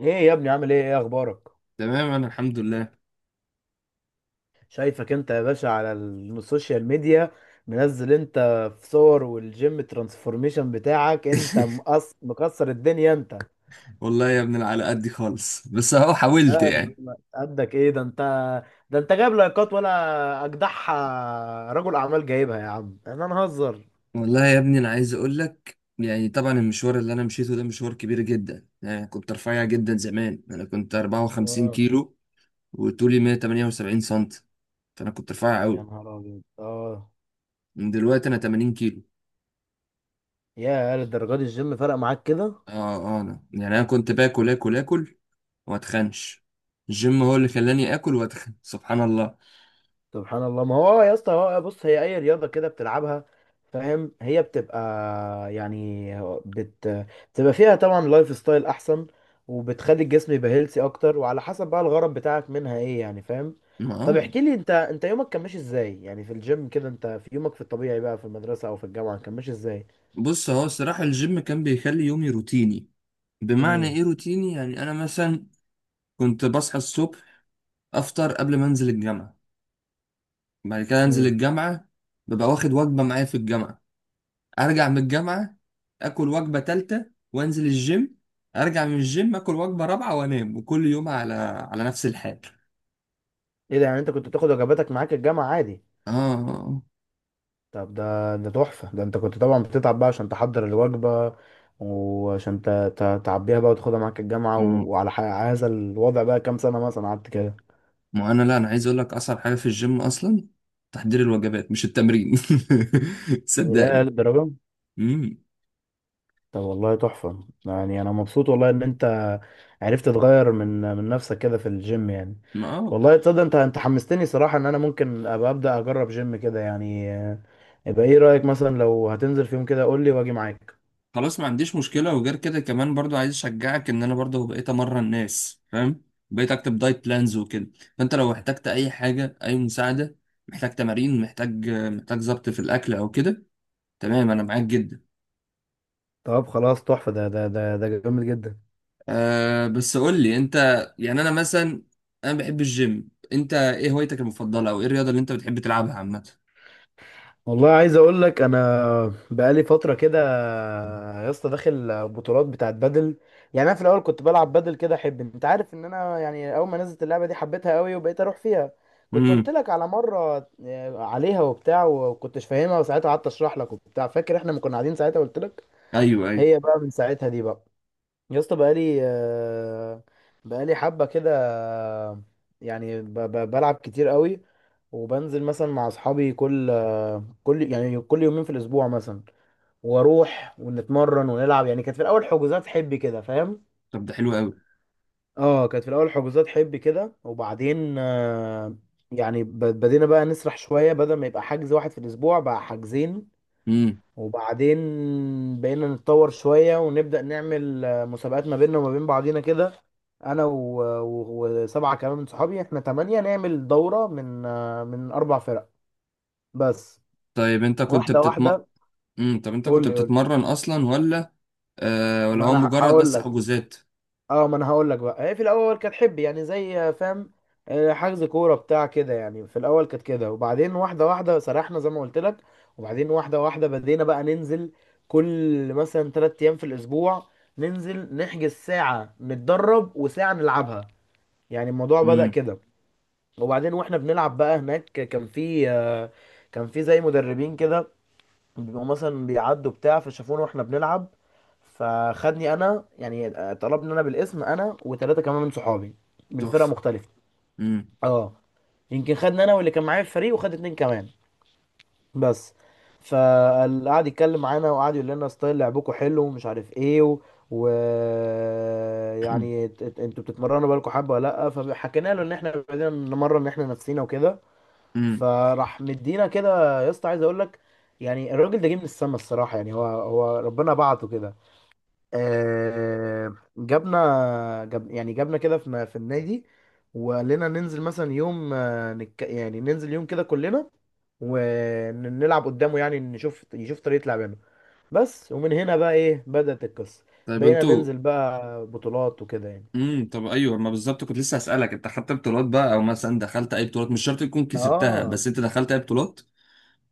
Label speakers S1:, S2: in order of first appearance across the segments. S1: ايه يا ابني، عامل ايه اخبارك؟
S2: تمام، انا الحمد لله.
S1: شايفك انت يا باشا على السوشيال ميديا. منزل انت في صور، والجيم ترانسفورميشن بتاعك انت مكسر الدنيا انت.
S2: والله يا ابني أنا على قدي خالص، بس اهو
S1: لا
S2: حاولت
S1: يا
S2: يعني.
S1: عم، قدك ايه ده انت؟ ده انت جايب لايكات، ولا اجدعها رجل اعمال جايبها؟ يا عم احنا نهزر.
S2: والله يا ابني انا عايز اقول لك، يعني طبعا المشوار اللي انا مشيته ده مشوار كبير جدا. يعني كنت رفيع جدا زمان، انا كنت 54
S1: اه.
S2: كيلو وطولي 178 سنتي، فانا كنت رفيع
S1: يا
S2: قوي.
S1: نهار ابيض. اه،
S2: من دلوقتي انا 80 كيلو.
S1: يا للدرجه دي! الجيم فرق معاك كده.
S2: اه اه، انا يعني انا كنت باكل اكل اكل واتخنش. الجيم هو اللي خلاني اكل واتخن سبحان الله.
S1: سبحان الله. ما هو آه يا اسطى، هو آه بص، هي اي رياضه كده بتلعبها، فاهم؟ هي بتبقى يعني بت بتبقى فيها طبعا لايف ستايل احسن، وبتخلي الجسم يبقى هيلثي اكتر، وعلى حسب بقى الغرض بتاعك منها ايه، يعني فاهم. طب
S2: اه،
S1: احكي لي انت، يومك كان ماشي ازاي يعني في الجيم كده؟ انت في يومك في الطبيعي بقى في المدرسه او في الجامعه كان ماشي ازاي؟
S2: بص هو الصراحة الجيم كان بيخلي يومي روتيني. بمعنى
S1: امم.
S2: ايه روتيني؟ يعني انا مثلا كنت بصحى الصبح، افطر قبل ما انزل الجامعة، بعد كده انزل
S1: امم.
S2: الجامعة، ببقى واخد وجبة معايا في الجامعة، ارجع من الجامعة اكل وجبة تالتة وانزل الجيم، ارجع من الجيم اكل وجبة رابعة وانام، وكل يوم على نفس الحال.
S1: ايه ده؟ يعني انت كنت بتاخد وجباتك معاك الجامعه عادي؟
S2: اه، آه.
S1: طب ده تحفة. ده انت كنت طبعا بتتعب بقى عشان تحضر الوجبة، وعشان تعبيها بقى وتاخدها معاك الجامعة.
S2: آه.
S1: وعلى هذا الوضع بقى كام سنة مثلا قعدت كده؟
S2: ما انا لا انا عايز اقول لك اصعب حاجة في الجيم اصلا تحضير الوجبات، مش التمرين.
S1: يا
S2: صدقني.
S1: للدرجة. طب والله تحفة، يعني انا مبسوط والله ان انت عرفت تغير من نفسك كده في الجيم يعني.
S2: امم
S1: والله تصدق انت حمستني صراحة ان انا ممكن ابقى ابدأ اجرب جيم كده يعني، يبقى ايه رأيك؟ مثلا لو هتنزل في يوم كده قول لي واجي معاك.
S2: خلاص ما عنديش مشكلة، وغير كده كمان برضو عايز اشجعك ان انا برضو بقيت امرن الناس فاهم، بقيت اكتب دايت بلانز وكده. فانت لو احتجت اي حاجة، اي مساعدة، محتاج تمارين، محتاج ظبط في الاكل او كده، تمام انا معاك جدا.
S1: طب خلاص تحفة، ده جامد جدا.
S2: أه بس قول لي انت، يعني انا مثلا انا بحب الجيم، انت ايه هوايتك المفضلة او ايه الرياضة اللي انت بتحب تلعبها عامة؟
S1: والله عايز اقول لك، انا بقالي فتره كده يا اسطى داخل بطولات بتاعت بدل. يعني انا في الاول كنت بلعب بدل كده احب انت عارف ان انا يعني اول ما نزلت اللعبه دي حبيتها قوي وبقيت اروح فيها. كنت قلت
S2: امم.
S1: لك على مره عليها وبتاع، وكنتش فاهمها، وساعتها قعدت اشرح لك وبتاع. فاكر احنا ما كنا قاعدين ساعتها قلت لك؟
S2: ايوه ايوه.
S1: هي بقى من ساعتها دي بقى يا اسطى، بقالي بقالي حبه كده، يعني بلعب كتير قوي. وبنزل مثلا مع اصحابي كل يعني كل يومين في الاسبوع مثلا. واروح ونتمرن ونلعب. يعني كانت في الاول حجوزات حب كده، فاهم؟
S2: طب ده حلو قوي.
S1: اه كانت في الاول حجوزات حب كده، وبعدين يعني بدينا بقى نسرح شويه، بدل ما يبقى حجز واحد في الاسبوع بقى حجزين.
S2: امم.
S1: وبعدين بقينا نتطور شويه ونبدا نعمل مسابقات ما بيننا وما بين بعضينا كده. انا وسبعه كمان من صحابي، احنا تمانية، نعمل دوره من من اربع فرق بس.
S2: طيب انت كنت
S1: واحده
S2: بتتم.
S1: واحده.
S2: امم، طب انت
S1: قول
S2: كنت
S1: لي قول لي
S2: بتتمرن اصلا، ولا آه ولا
S1: ما
S2: هو
S1: انا
S2: مجرد
S1: هقول
S2: بس
S1: لك.
S2: حجوزات؟
S1: اه ما انا هقول لك بقى. هي في الاول كانت حب يعني زي، فاهم، حجز كوره بتاع كده يعني. في الاول كانت كده، وبعدين واحده واحده سرحنا زي ما قلت لك. وبعدين واحده واحده بدينا بقى ننزل كل مثلا ثلاث ايام في الاسبوع، ننزل نحجز ساعه نتدرب وساعه نلعبها. يعني الموضوع بدأ
S2: امم.
S1: كده. وبعدين واحنا بنلعب بقى هناك، كان في كان في زي مدربين كده، بيبقوا مثلا بيعدوا بتاع، فشافونا واحنا بنلعب، فخدني انا يعني، طلبني انا بالاسم، انا وثلاثه كمان من صحابي من فرقه
S2: تحفه.
S1: مختلفه.
S2: امم.
S1: اه. يمكن خدني انا واللي كان معايا في الفريق وخد اتنين كمان بس. فقعد يتكلم معانا وقعد يقول لنا ستايل لعبكم حلو، ومش عارف ايه و... يعني انتوا بتتمرنوا بقالكم حبه ولا لا؟ فحكينا له ان احنا بدنا نمرن احنا نفسينا وكده.
S2: امم.
S1: فراح مدينا كده يا اسطى، عايز اقول لك يعني الراجل ده جه من السما الصراحه، يعني هو ربنا بعته كده. جابنا، جاب يعني جابنا كده في النادي، وقال لنا ننزل مثلا يوم، آه، نك يعني ننزل يوم كده كلنا ونلعب قدامه، يعني نشوف، يشوف طريقه لعبنا بس. ومن هنا بقى ايه، بدأت القصه.
S2: طيب
S1: بقينا
S2: انتوا.
S1: ننزل بقى بطولات وكده يعني.
S2: امم، طب ايوه، ما بالظبط كنت لسه هسألك، انت خدت بطولات بقى او مثلا دخلت اي بطولات؟ مش شرط تكون كسبتها،
S1: اه.
S2: بس انت دخلت اي بطولات؟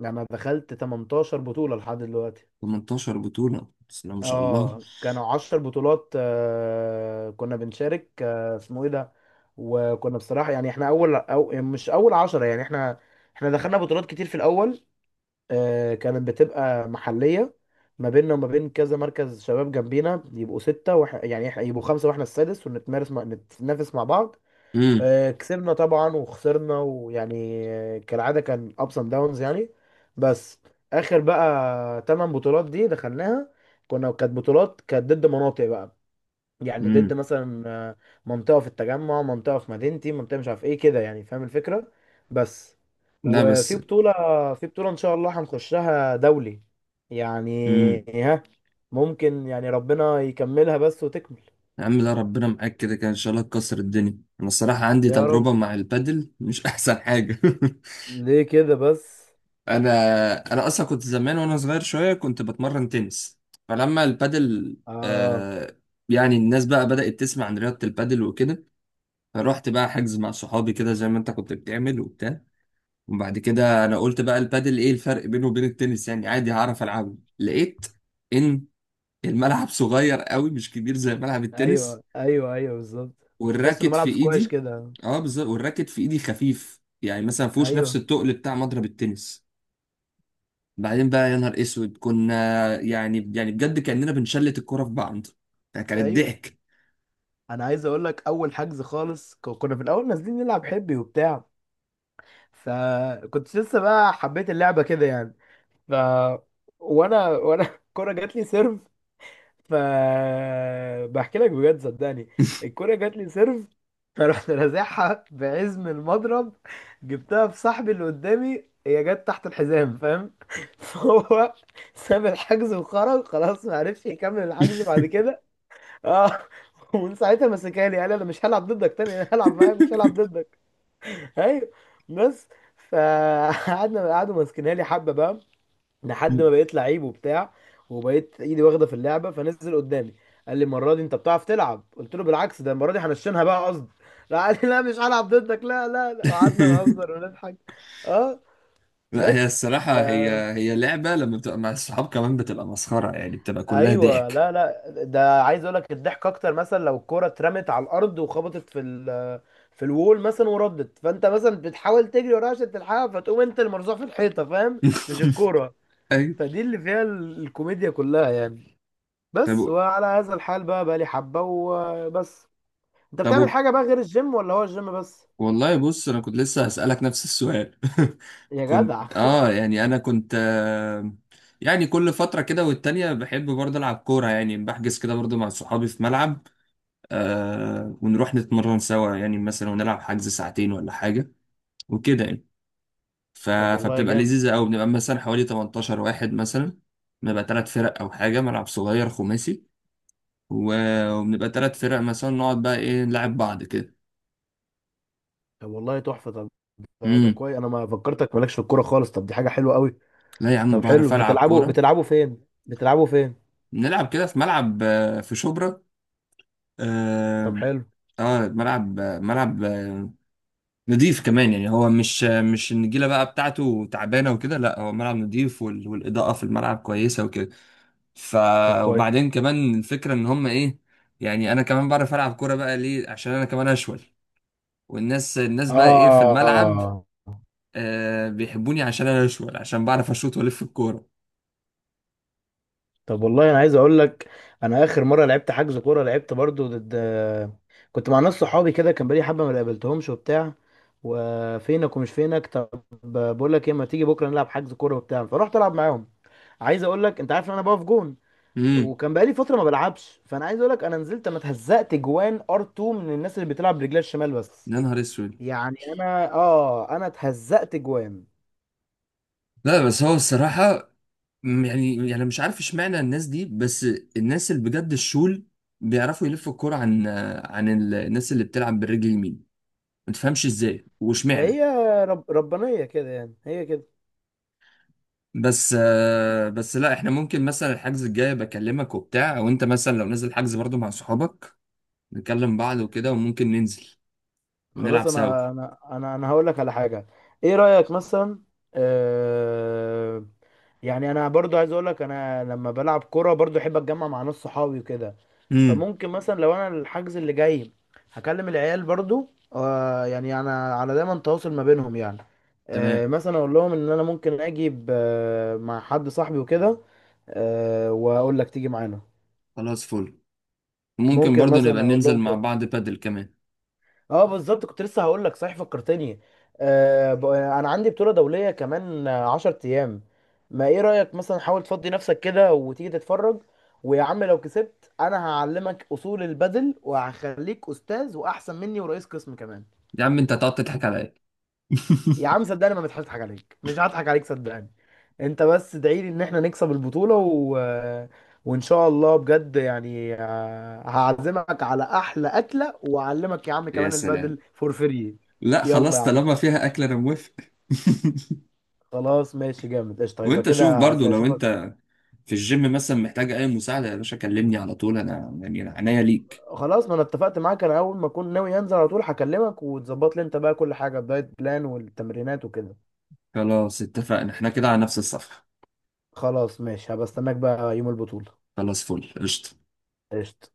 S1: يعني انا دخلت 18 بطوله لحد دلوقتي.
S2: 18 بطولة، بسم الله ما شاء الله.
S1: اه، كانوا عشر بطولات آه كنا بنشارك، آه اسمه ايه ده، وكنا بصراحة يعني احنا اول أو مش اول عشرة يعني. احنا احنا دخلنا بطولات كتير في الاول. آه كانت بتبقى محلية، ما بيننا وما بين كذا مركز شباب جنبينا، يبقوا ستة يعني يبقوا خمسة واحنا السادس، ونتمارس نتنافس مع بعض.
S2: امم.
S1: كسبنا طبعا وخسرنا، ويعني كالعادة، كان ups and downs يعني. بس آخر بقى تمن بطولات دي دخلناها، كنا كانت بطولات كانت ضد مناطق بقى. يعني ضد
S2: امم.
S1: مثلا منطقة في التجمع، منطقة في مدينتي، منطقة مش عارف ايه كده، يعني فاهم الفكرة بس.
S2: لا
S1: وفي
S2: بس.
S1: بطولة في بطولة إن شاء الله هنخشها دولي يعني،
S2: امم.
S1: ها، ممكن، يعني ربنا يكملها بس وتكمل.
S2: يا عم لا، ربنا معاك كده كده ان شاء الله تكسر الدنيا. انا الصراحة عندي
S1: يا رب.
S2: تجربة مع البادل مش احسن حاجة.
S1: ليه كده بس؟
S2: انا انا اصلا كنت زمان وانا صغير شويه كنت بتمرن تنس، فلما البادل،
S1: آه.
S2: آه، يعني الناس بقى بدأت تسمع عن رياضه البادل وكده، فروحت بقى حجز مع صحابي كده زي ما انت كنت بتعمل وبتاع. وبعد كده انا قلت بقى البادل ايه الفرق بينه وبين التنس؟ يعني عادي هعرف العبه. لقيت ان الملعب صغير قوي، مش كبير زي ملعب التنس،
S1: ايوه، ايوه، ايوه، بالظبط. تحس انه
S2: والراكت في
S1: ملعب سكواش
S2: ايدي.
S1: كده.
S2: اه بالظبط، والراكت في ايدي خفيف، يعني مثلا مفيهوش نفس
S1: ايوه،
S2: التقل بتاع مضرب التنس. بعدين بقى يا نهار اسود كنا، يعني بجد كأننا بنشلت الكرة في بعض، ده كانت
S1: ايوه.
S2: ضحك.
S1: انا عايز اقول لك، اول حجز خالص كنا في الاول نازلين نلعب حبي وبتاع، فكنت لسه بقى حبيت اللعبه كده يعني. ف وانا الكوره جات لي سيرف، فبحكي لك بجد صدقني، الكرة جات لي سيرف، فرحت رازعها بعزم المضرب، جبتها في صاحبي اللي قدامي، هي جت تحت الحزام فاهم؟ فهو ساب الحجز وخرج خلاص، ما عرفش يكمل الحجز بعد كده. اه. ومن ساعتها مسكها لي، قال انا مش هلعب ضدك تاني، انا هلعب معاك، مش هلعب ضدك. ايوه. بس. فقعدنا، قعدوا ماسكينها لي حبه بقى لحد ما بقيت لعيب وبتاع، وبقيت ايدي واخده في اللعبه، فنزل قدامي قال لي المره دي انت بتعرف تلعب. قلت له بالعكس، ده المره دي هنشنها بقى قصد. لا قال لي لا، مش هلعب ضدك، لا. قعدنا نهزر ونضحك. اه.
S2: لا هي
S1: بس. ف...
S2: الصراحة، هي لعبة لما بتبقى مع الصحاب كمان بتبقى مسخرة، يعني بتبقى كلها
S1: ايوه،
S2: ضحك.
S1: لا لا، ده عايز اقول لك الضحك اكتر، مثلا لو الكوره اترمت على الارض وخبطت في في الوول مثلا وردت، فانت مثلا بتحاول تجري وراها عشان تلحقها، فتقوم انت المرزوع في الحيطه فاهم؟ مش الكوره.
S2: أيوة.
S1: فدي اللي فيها الكوميديا كلها يعني بس.
S2: طب.
S1: وعلى هذا الحال بقى، لي حبة وبس. انت
S2: طب
S1: بتعمل
S2: وب-
S1: حاجة بقى غير الجيم ولا هو الجيم بس؟
S2: والله بص أنا كنت لسه هسألك نفس السؤال.
S1: يا جدع.
S2: كنت آه، يعني أنا كنت يعني كل فترة كده والتانية بحب برضه ألعب كورة، يعني بحجز كده برضه مع صحابي في ملعب، آه، ونروح نتمرن سوا يعني مثلا ونلعب حجز ساعتين ولا حاجة وكده يعني. ف...
S1: طب والله
S2: فبتبقى
S1: جامد.
S2: لذيذة أوي، بنبقى مثلا حوالي 18 واحد مثلا، بنبقى تلات فرق أو حاجة، ملعب صغير خماسي، وبنبقى تلات فرق مثلا نقعد بقى إيه نلعب بعض كده.
S1: طب والله تحفة. طب ده
S2: امم
S1: كويس، انا ما فكرتك مالكش في الكورة خالص. طب دي حاجة حلوة قوي.
S2: لا يا عم
S1: طب
S2: بعرف
S1: حلو.
S2: ألعب
S1: بتلعبوا
S2: كورة.
S1: بتلعبوا فين بتلعبوا فين
S2: نلعب كده في ملعب، آه، في شبرا.
S1: طب
S2: اه،
S1: حلو.
S2: آه، ملعب، نضيف كمان، يعني هو مش آه، مش النجيله بقى بتاعته تعبانه وكده، لا هو ملعب نضيف، والاضاءه في الملعب كويسه وكده. ف
S1: طب كويس.
S2: وبعدين كمان الفكره ان هم ايه، يعني انا كمان بعرف العب كوره بقى ليه؟ عشان انا كمان اشول، والناس بقى ايه في الملعب،
S1: اه.
S2: آه بيحبوني عشان انا اشول، عشان بعرف اشوط والف الكوره.
S1: طب والله انا عايز اقول لك، انا اخر مره لعبت حجز كوره، لعبت برضو ضد، كنت مع ناس صحابي كده، كان بقالي حبه ما قابلتهمش وبتاع، وفينك ومش فينك. طب بقول لك ايه، ما تيجي بكره نلعب حجز كوره وبتاع؟ فرحت العب معاهم. عايز اقول لك، انت عارف ان انا بقف جون،
S2: امم
S1: وكان بقالي فتره ما بلعبش، فانا عايز اقول لك، انا نزلت، انا اتهزقت جوان ار 2 من الناس اللي بتلعب برجلها الشمال بس.
S2: يا نهار اسود.
S1: يعني انا اتهزقت جوان.
S2: لا بس هو الصراحه، يعني مش عارف اشمعنى الناس دي، بس الناس اللي بجد الشول بيعرفوا يلفوا الكوره عن الناس اللي بتلعب بالرجل اليمين. ما تفهمش ازاي واشمعنى؟
S1: هي ربانيه كده، يعني هي كده.
S2: بس آه، بس لا احنا ممكن مثلا الحجز الجاي بكلمك وبتاع، او انت مثلا لو نزل حجز برضو مع صحابك نكلم بعض وكده وممكن ننزل
S1: خلاص،
S2: ونلعب سوا.
S1: انا هقول لك على حاجه. ايه رايك مثلا؟ آه، يعني انا برضو عايز اقول لك، انا لما بلعب كوره برضو احب اتجمع مع ناس صحابي وكده.
S2: امم
S1: فممكن مثلا لو انا الحجز اللي جاي هكلم العيال برضو، آه يعني انا على دايما تواصل ما بينهم يعني.
S2: تمام.
S1: آه مثلا اقول لهم ان انا ممكن اجي مع حد صاحبي وكده، آه واقول لك تيجي معانا.
S2: خلاص فل. ممكن
S1: ممكن
S2: برضو نبقى
S1: مثلا اقول
S2: ننزل
S1: لهم
S2: مع
S1: كده.
S2: بعض بادل كمان.
S1: اه بالظبط، كنت لسه هقول لك، صحيح فكرتني. آه انا عندي بطولة دولية كمان، 10 ايام. ما ايه رأيك مثلا حاول تفضي نفسك كده وتيجي تتفرج؟ ويا عم لو كسبت، انا هعلمك اصول البدل وهخليك استاذ واحسن مني ورئيس قسم كمان.
S2: يا عم انت هتقعد تضحك على ايه؟
S1: يا عم صدقني ما بضحكش، اضحك عليك؟ مش هضحك عليك صدقني. انت بس ادعي لي ان احنا نكسب البطولة وان شاء الله بجد يعني، هعزمك على احلى اكلة، واعلمك يا عم
S2: يا
S1: كمان
S2: سلام.
S1: البدل فور فري.
S2: لا
S1: يلا
S2: خلاص
S1: يا عم.
S2: طالما فيها اكل انا موافق.
S1: خلاص ماشي جامد قشطه. يبقى
S2: وانت شوف
S1: كده
S2: برضو لو
S1: هشوفك.
S2: انت في الجيم مثلا محتاج اي مساعدة يا باشا كلمني على طول، انا يعني أنا عينيا ليك.
S1: خلاص، ما انا اتفقت معاك، انا اول ما اكون ناوي انزل على طول هكلمك، وتظبط لي انت بقى كل حاجه، الدايت بلان والتمرينات وكده.
S2: خلاص اتفقنا احنا كده على نفس الصفحة.
S1: خلاص ماشي، هبقى استناك بقى يوم البطوله.
S2: خلاص فل قشطة.
S1: قشطه.